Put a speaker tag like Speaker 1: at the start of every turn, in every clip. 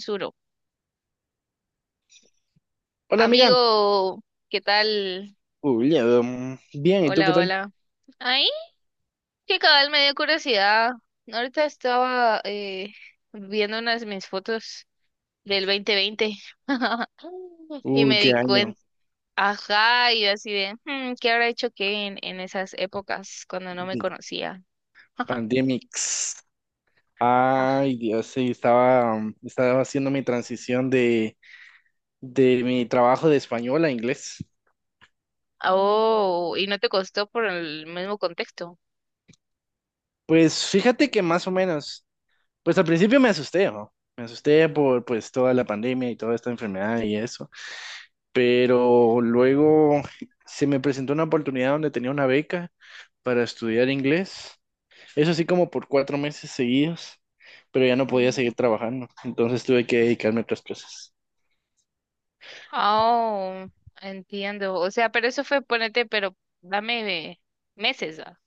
Speaker 1: Suro.
Speaker 2: Hola amiga.
Speaker 1: Amigo, ¿qué tal?
Speaker 2: Bien, ¿y tú qué
Speaker 1: Hola,
Speaker 2: tal?
Speaker 1: hola. Ay, que cabal me dio curiosidad. Ahorita estaba viendo unas de mis fotos del 2020 y
Speaker 2: Uy,
Speaker 1: me
Speaker 2: qué
Speaker 1: di
Speaker 2: año,
Speaker 1: cuenta, ajá, y yo así de, ¿qué habrá hecho qué en esas épocas cuando no me
Speaker 2: de
Speaker 1: conocía?
Speaker 2: pandemics.
Speaker 1: Ah,
Speaker 2: Ay, Dios, sí, estaba, estaba haciendo mi transición de mi trabajo de español a inglés.
Speaker 1: oh, y no te costó por el mismo contexto.
Speaker 2: Pues fíjate que más o menos, pues al principio me asusté, ¿no? Me asusté por pues toda la pandemia y toda esta enfermedad y eso, pero luego se me presentó una oportunidad donde tenía una beca para estudiar inglés. Eso sí como por 4 meses seguidos, pero ya no podía seguir trabajando, entonces tuve que dedicarme a otras cosas.
Speaker 1: Oh, entiendo. O sea, pero eso fue, ponete, pero dame meses, ¿va?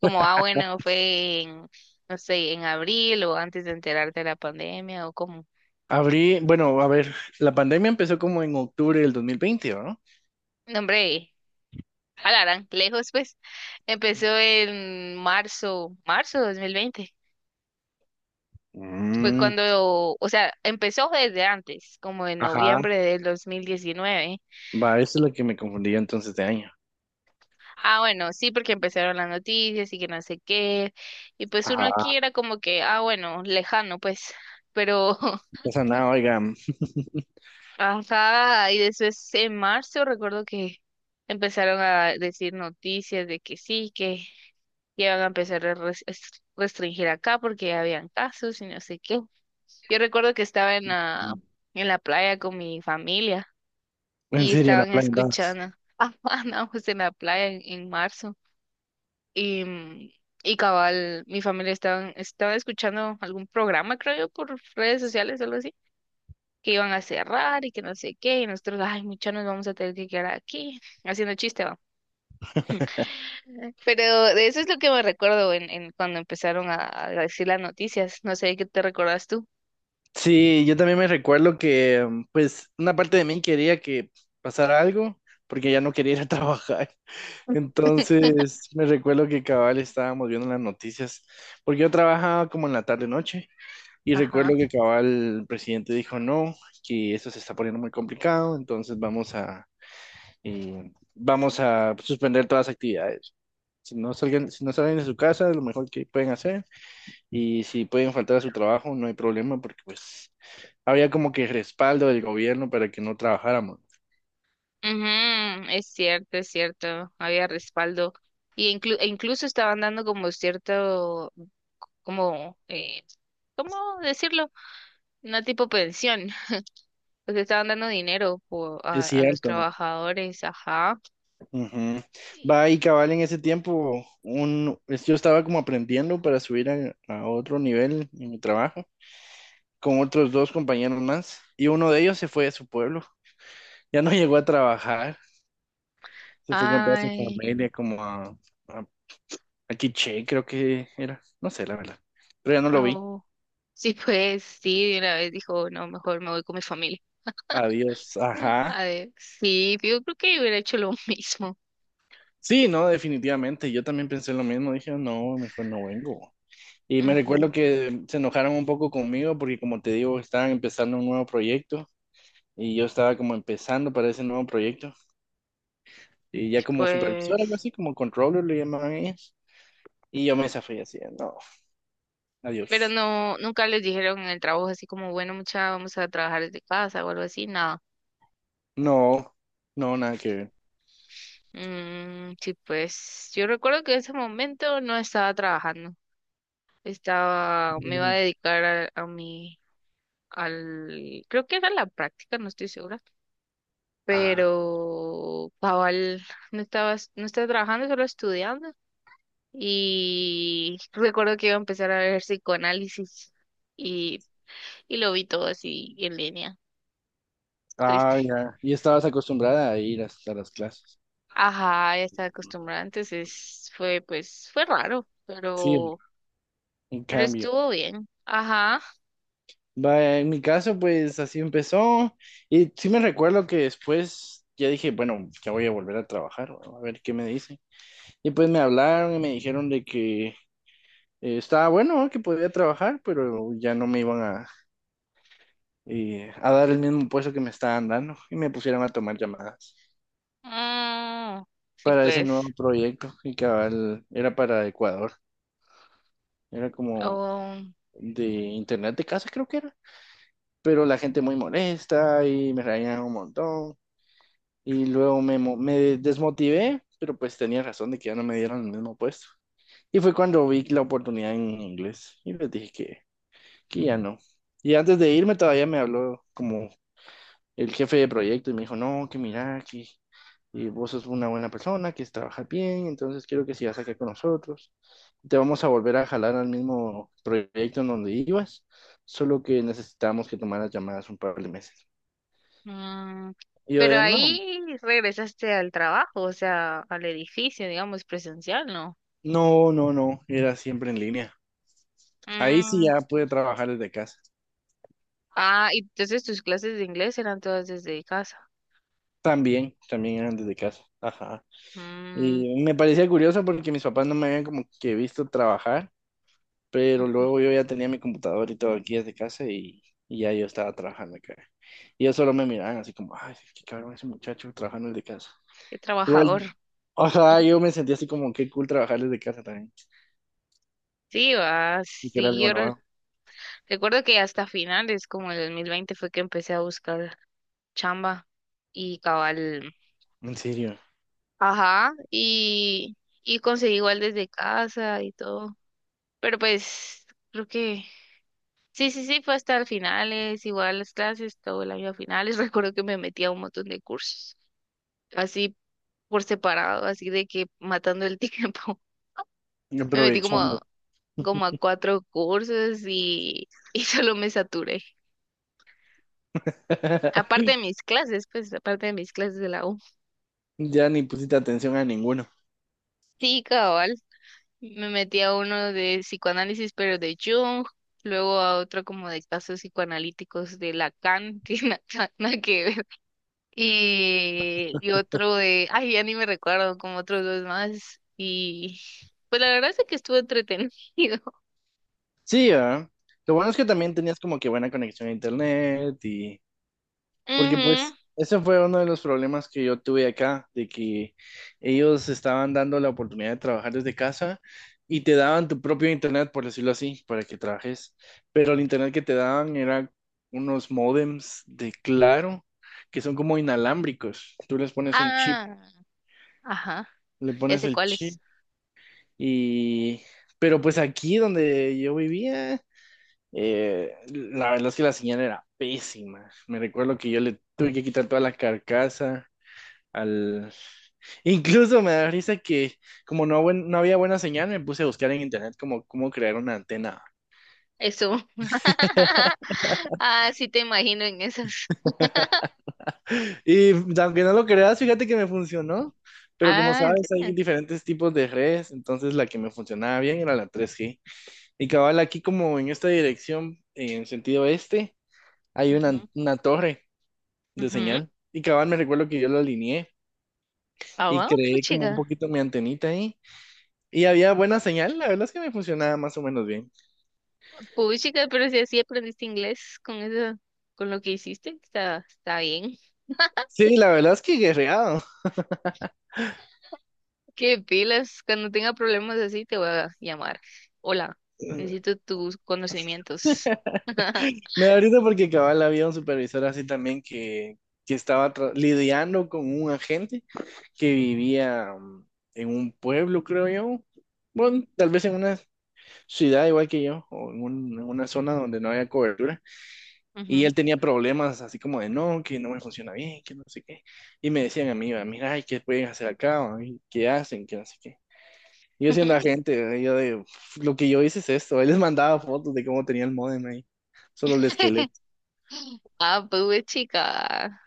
Speaker 1: Como, ah, bueno, fue en, no sé, en abril o antes de enterarte de la pandemia o como.
Speaker 2: Abrí, bueno, a ver, la pandemia empezó como en octubre del 2020, ¿no?
Speaker 1: No, hombre, alarán, lejos, pues. Empezó en marzo, marzo de 2020. Fue
Speaker 2: Mm,
Speaker 1: cuando, o sea, empezó desde antes, como en
Speaker 2: ajá,
Speaker 1: noviembre del 2019.
Speaker 2: va, eso es lo que me confundía entonces de año.
Speaker 1: Ah, bueno, sí, porque empezaron las noticias y que no sé qué. Y pues uno
Speaker 2: Ajá,
Speaker 1: aquí era como que, ah, bueno, lejano, pues. Pero,
Speaker 2: no pasa nada, oiga,
Speaker 1: ajá, y después en marzo recuerdo que empezaron a decir noticias de que sí, que ya iban a empezar a restringir acá porque ya habían casos y no sé qué. Yo recuerdo que estaba en la,
Speaker 2: mm,
Speaker 1: en la playa con mi familia
Speaker 2: en
Speaker 1: y
Speaker 2: serio, la
Speaker 1: estaban
Speaker 2: plan dos.
Speaker 1: escuchando. Ah, andábamos en la playa en marzo. Y, mm, y cabal, mi familia estaban, estaba escuchando algún programa, creo yo, por redes sociales, algo así, que iban a cerrar y que no sé qué, y nosotros, ay, muchachos, nos vamos a tener que quedar aquí, haciendo chiste, va. Pero de eso es lo que me recuerdo en cuando empezaron a decir las noticias, no sé qué te recuerdas tú.
Speaker 2: Sí, yo también me recuerdo que, pues, una parte de mí quería que pasara algo, porque ya no quería ir a trabajar. Entonces, me recuerdo que cabal estábamos viendo las noticias, porque yo trabajaba como en la tarde-noche, y
Speaker 1: Ajá.
Speaker 2: recuerdo que cabal el presidente dijo no, que esto se está poniendo muy complicado, entonces vamos a suspender todas las actividades. Si no salgan, si no salen de su casa, lo mejor que pueden hacer, y si pueden faltar a su trabajo, no hay problema, porque pues había como que respaldo del gobierno para que no trabajáramos.
Speaker 1: Ujú, es cierto, había respaldo. E incluso estaban dando como cierto, como, ¿cómo decirlo? Una tipo pensión. Pues estaban dando dinero a,
Speaker 2: Es
Speaker 1: a los
Speaker 2: cierto.
Speaker 1: trabajadores, ajá.
Speaker 2: Ujú. Va y cabal en ese tiempo, yo estaba como aprendiendo para subir a otro nivel en mi trabajo con otros 2 compañeros más y uno de ellos se fue a su pueblo, ya no llegó a trabajar, se fue con toda su
Speaker 1: Ay,
Speaker 2: familia como a, a Quiché creo que era, no sé la verdad, pero ya no lo vi.
Speaker 1: au. Sí, pues sí, de una vez dijo, no, mejor me voy con mi familia.
Speaker 2: Adiós, ajá.
Speaker 1: A ver, sí, yo creo que hubiera hecho lo mismo.
Speaker 2: Sí, no, definitivamente, yo también pensé lo mismo, dije, no, mejor no vengo. Y me recuerdo
Speaker 1: Ujú.
Speaker 2: que se enojaron un poco conmigo porque como te digo, estaban empezando un nuevo proyecto y yo estaba como empezando para ese nuevo proyecto y ya como supervisor, algo
Speaker 1: Pues,
Speaker 2: así, como controller le llamaban ellas. Y yo me zafé así, de, no,
Speaker 1: pero
Speaker 2: adiós.
Speaker 1: no, nunca les dijeron en el trabajo así como, bueno, mucha, vamos a trabajar desde casa o algo así, nada.
Speaker 2: No, no, nada que ver.
Speaker 1: Mm, sí, pues yo recuerdo que en ese momento no estaba trabajando, estaba, me iba a
Speaker 2: Mm,
Speaker 1: dedicar a mi al, creo que era la práctica, no estoy segura,
Speaker 2: Ah,
Speaker 1: pero Paval no estaba trabajando, solo estudiando. Y recuerdo que iba a empezar a ver psicoanálisis y, y lo vi todo así en línea, triste.
Speaker 2: ya. Y estabas acostumbrada a ir hasta las clases.
Speaker 1: Ajá, ya estaba acostumbrada, entonces fue, pues, fue raro,
Speaker 2: Sí,
Speaker 1: pero,
Speaker 2: en
Speaker 1: pero
Speaker 2: cambio.
Speaker 1: estuvo bien. Ajá.
Speaker 2: Va, en mi caso, pues así empezó. Y sí me recuerdo que después ya dije, bueno, ya voy a volver a trabajar, a ver qué me dicen. Y pues me hablaron y me dijeron de que eh, estaba bueno ¿no? que podía trabajar, pero ya no me iban a dar el mismo puesto que me estaban dando y me pusieron a tomar llamadas
Speaker 1: Mm, sí,
Speaker 2: para ese nuevo
Speaker 1: pues.
Speaker 2: proyecto y cabal era para Ecuador, era como
Speaker 1: um,
Speaker 2: de internet de casa creo que era, pero la gente muy molesta y me reían un montón y luego me desmotivé, pero pues tenía razón de que ya no me dieron el mismo puesto. Y fue cuando vi la oportunidad en inglés y les dije que ya no. Y antes de irme todavía me habló como el jefe de proyecto y me dijo, no, que mira, que vos sos una buena persona, que trabajas bien, entonces quiero que sigas acá con nosotros. Te vamos a volver a jalar al mismo proyecto en donde ibas, solo que necesitamos que tomaras llamadas un par de 2 meses.
Speaker 1: Mm,
Speaker 2: Y yo
Speaker 1: pero
Speaker 2: de, no,
Speaker 1: ahí regresaste al trabajo, o sea, al edificio, digamos, presencial, ¿no?
Speaker 2: no, no, no, era siempre en línea. Ahí sí
Speaker 1: Mm,
Speaker 2: ya pude trabajar desde casa.
Speaker 1: ah, y entonces tus clases de inglés eran todas desde casa.
Speaker 2: También, también eran desde casa. Ajá.
Speaker 1: Mm,
Speaker 2: Y me parecía curioso porque mis papás no me habían como que visto trabajar. Pero luego yo ya tenía mi computador y todo aquí desde casa y ya yo estaba trabajando acá. Y ellos solo me miraban así como, ay, qué cabrón ese muchacho trabajando desde casa.
Speaker 1: qué
Speaker 2: Igual,
Speaker 1: trabajador.
Speaker 2: o sea, yo me sentía así como, qué cool trabajar desde casa también.
Speaker 1: Sí, va,
Speaker 2: Y que era
Speaker 1: sí,
Speaker 2: algo
Speaker 1: yo
Speaker 2: nuevo,
Speaker 1: recuerdo que hasta finales, como el 2020 fue que empecé a buscar chamba y cabal.
Speaker 2: en serio,
Speaker 1: Ajá, y conseguí igual desde casa y todo. Pero pues creo que sí, sí, sí, fue hasta el finales, igual las clases, todo el año a finales. Recuerdo que me metía a un montón de cursos, así por separado, así de que matando el tiempo. Me metí como,
Speaker 2: aprovechando.
Speaker 1: como a cuatro cursos y, y solo me saturé. Aparte de mis clases, pues aparte de mis clases de la U.
Speaker 2: Ya ni pusiste atención a ninguno.
Speaker 1: Sí, cabal. Me metí a uno de psicoanálisis, pero de Jung, luego a otro como de casos psicoanalíticos de Lacan, que nada que ver. Y otro de, ay, ya ni me recuerdo, como otros dos más. Y pues la verdad es que estuvo entretenido.
Speaker 2: Sí, ¿verdad? Lo bueno es que también tenías como que buena conexión a internet y, porque
Speaker 1: Ujú.
Speaker 2: pues ese fue uno de los problemas que yo tuve acá, de que ellos estaban dando la oportunidad de trabajar desde casa y te daban tu propio internet, por decirlo así, para que trabajes. Pero el internet que te daban era unos módems de Claro, que son como inalámbricos. Tú les pones un chip,
Speaker 1: Ah, ajá,
Speaker 2: le
Speaker 1: ya
Speaker 2: pones
Speaker 1: sé
Speaker 2: el
Speaker 1: cuáles.
Speaker 2: chip y... Pero pues aquí donde yo vivía... la verdad es que la señal era pésima. Me recuerdo que yo le tuve que quitar toda la carcasa al... Incluso me da risa que como no, buen- no había buena señal, me puse a buscar en internet cómo crear una antena.
Speaker 1: Eso. Ah, sí te imagino en esas.
Speaker 2: Y aunque no lo creas, fíjate que me funcionó. Pero como
Speaker 1: Ah, ¿en
Speaker 2: sabes, hay
Speaker 1: serio?
Speaker 2: diferentes tipos de redes, entonces la que me funcionaba bien era la 3G. Y cabal, aquí como en esta dirección, en sentido este, hay una torre de
Speaker 1: Ujú, ujú.
Speaker 2: señal. Y cabal, me recuerdo que yo lo alineé
Speaker 1: Ah,
Speaker 2: y
Speaker 1: wow,
Speaker 2: creé como un
Speaker 1: puchica.
Speaker 2: poquito mi antenita ahí. Y había buena señal, la verdad es que me funcionaba más o menos bien.
Speaker 1: Puchica, pero si así aprendiste inglés con eso, con lo que hiciste, está bien.
Speaker 2: Sí, la verdad es que guerreado.
Speaker 1: Qué pilas, cuando tenga problemas así te voy a llamar. Hola, necesito tus conocimientos.
Speaker 2: Me da risa porque cabal había un supervisor así también que estaba lidiando con un agente que vivía en un pueblo, creo yo. Bueno, tal vez en una ciudad igual que yo, en una zona donde no había cobertura. Y
Speaker 1: Ujú.
Speaker 2: él tenía problemas así como de no, que no me funciona bien, que no sé qué. Y me decían a mí, va, mira, ay, ¿qué pueden hacer acá? ¿va? ¿Y ¿Qué hacen? Que no sé qué. Yo siendo agente, yo de, "Uf, lo que yo hice es esto." Él les mandaba fotos de cómo tenía el módem ahí. Solo el esqueleto
Speaker 1: Ah, pues güey, chica,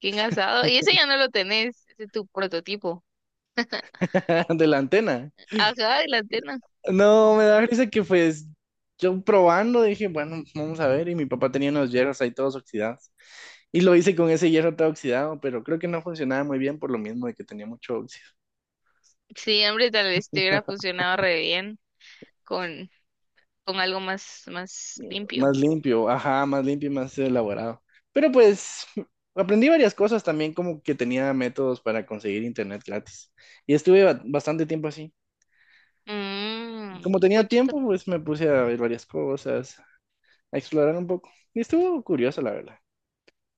Speaker 1: qué engasado. Y ese ya no lo tenés, ese es tu prototipo.
Speaker 2: de la antena.
Speaker 1: Ajá, de la antena.
Speaker 2: No, me da risa que pues yo probando dije, bueno, vamos a ver. Y mi papá tenía unos hierros ahí todos oxidados. Y lo hice con ese hierro todo oxidado, pero creo que no funcionaba muy bien por lo mismo de que tenía mucho óxido.
Speaker 1: Sí, hombre, tal vez te hubiera funcionado re bien con, con algo más, más limpio.
Speaker 2: Más limpio, ajá, más limpio y más elaborado. Pero pues aprendí varias cosas también, como que tenía métodos para conseguir internet gratis. Y estuve bastante tiempo así.
Speaker 1: Mmm,
Speaker 2: Como tenía
Speaker 1: puchica.
Speaker 2: tiempo, pues me puse a ver varias cosas, a explorar un poco. Y estuvo curioso, la verdad.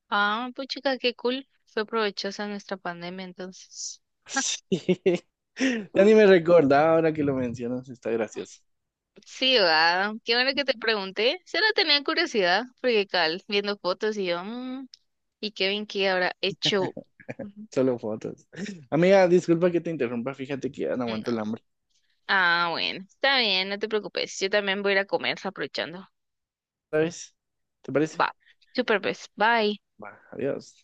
Speaker 1: Ah, puchica, qué cool. Fue provechosa nuestra pandemia entonces.
Speaker 2: Sí. Ya ni me recordaba ahora que lo mencionas, está gracioso.
Speaker 1: Sí, va. Qué bueno que te pregunté. Solo tenía curiosidad, porque cal, viendo fotos y yo, "Mm, ¿y Kevin qué habrá hecho? Ujú.
Speaker 2: Solo fotos. Amiga, disculpa que te interrumpa, fíjate que ya no aguanto el
Speaker 1: No.
Speaker 2: hambre.
Speaker 1: Ah, bueno, está bien, no te preocupes. Yo también voy a ir a comer aprovechando.
Speaker 2: ¿Sabes? ¿Te parece?
Speaker 1: Va. Super, pues. Bye.
Speaker 2: Va, adiós.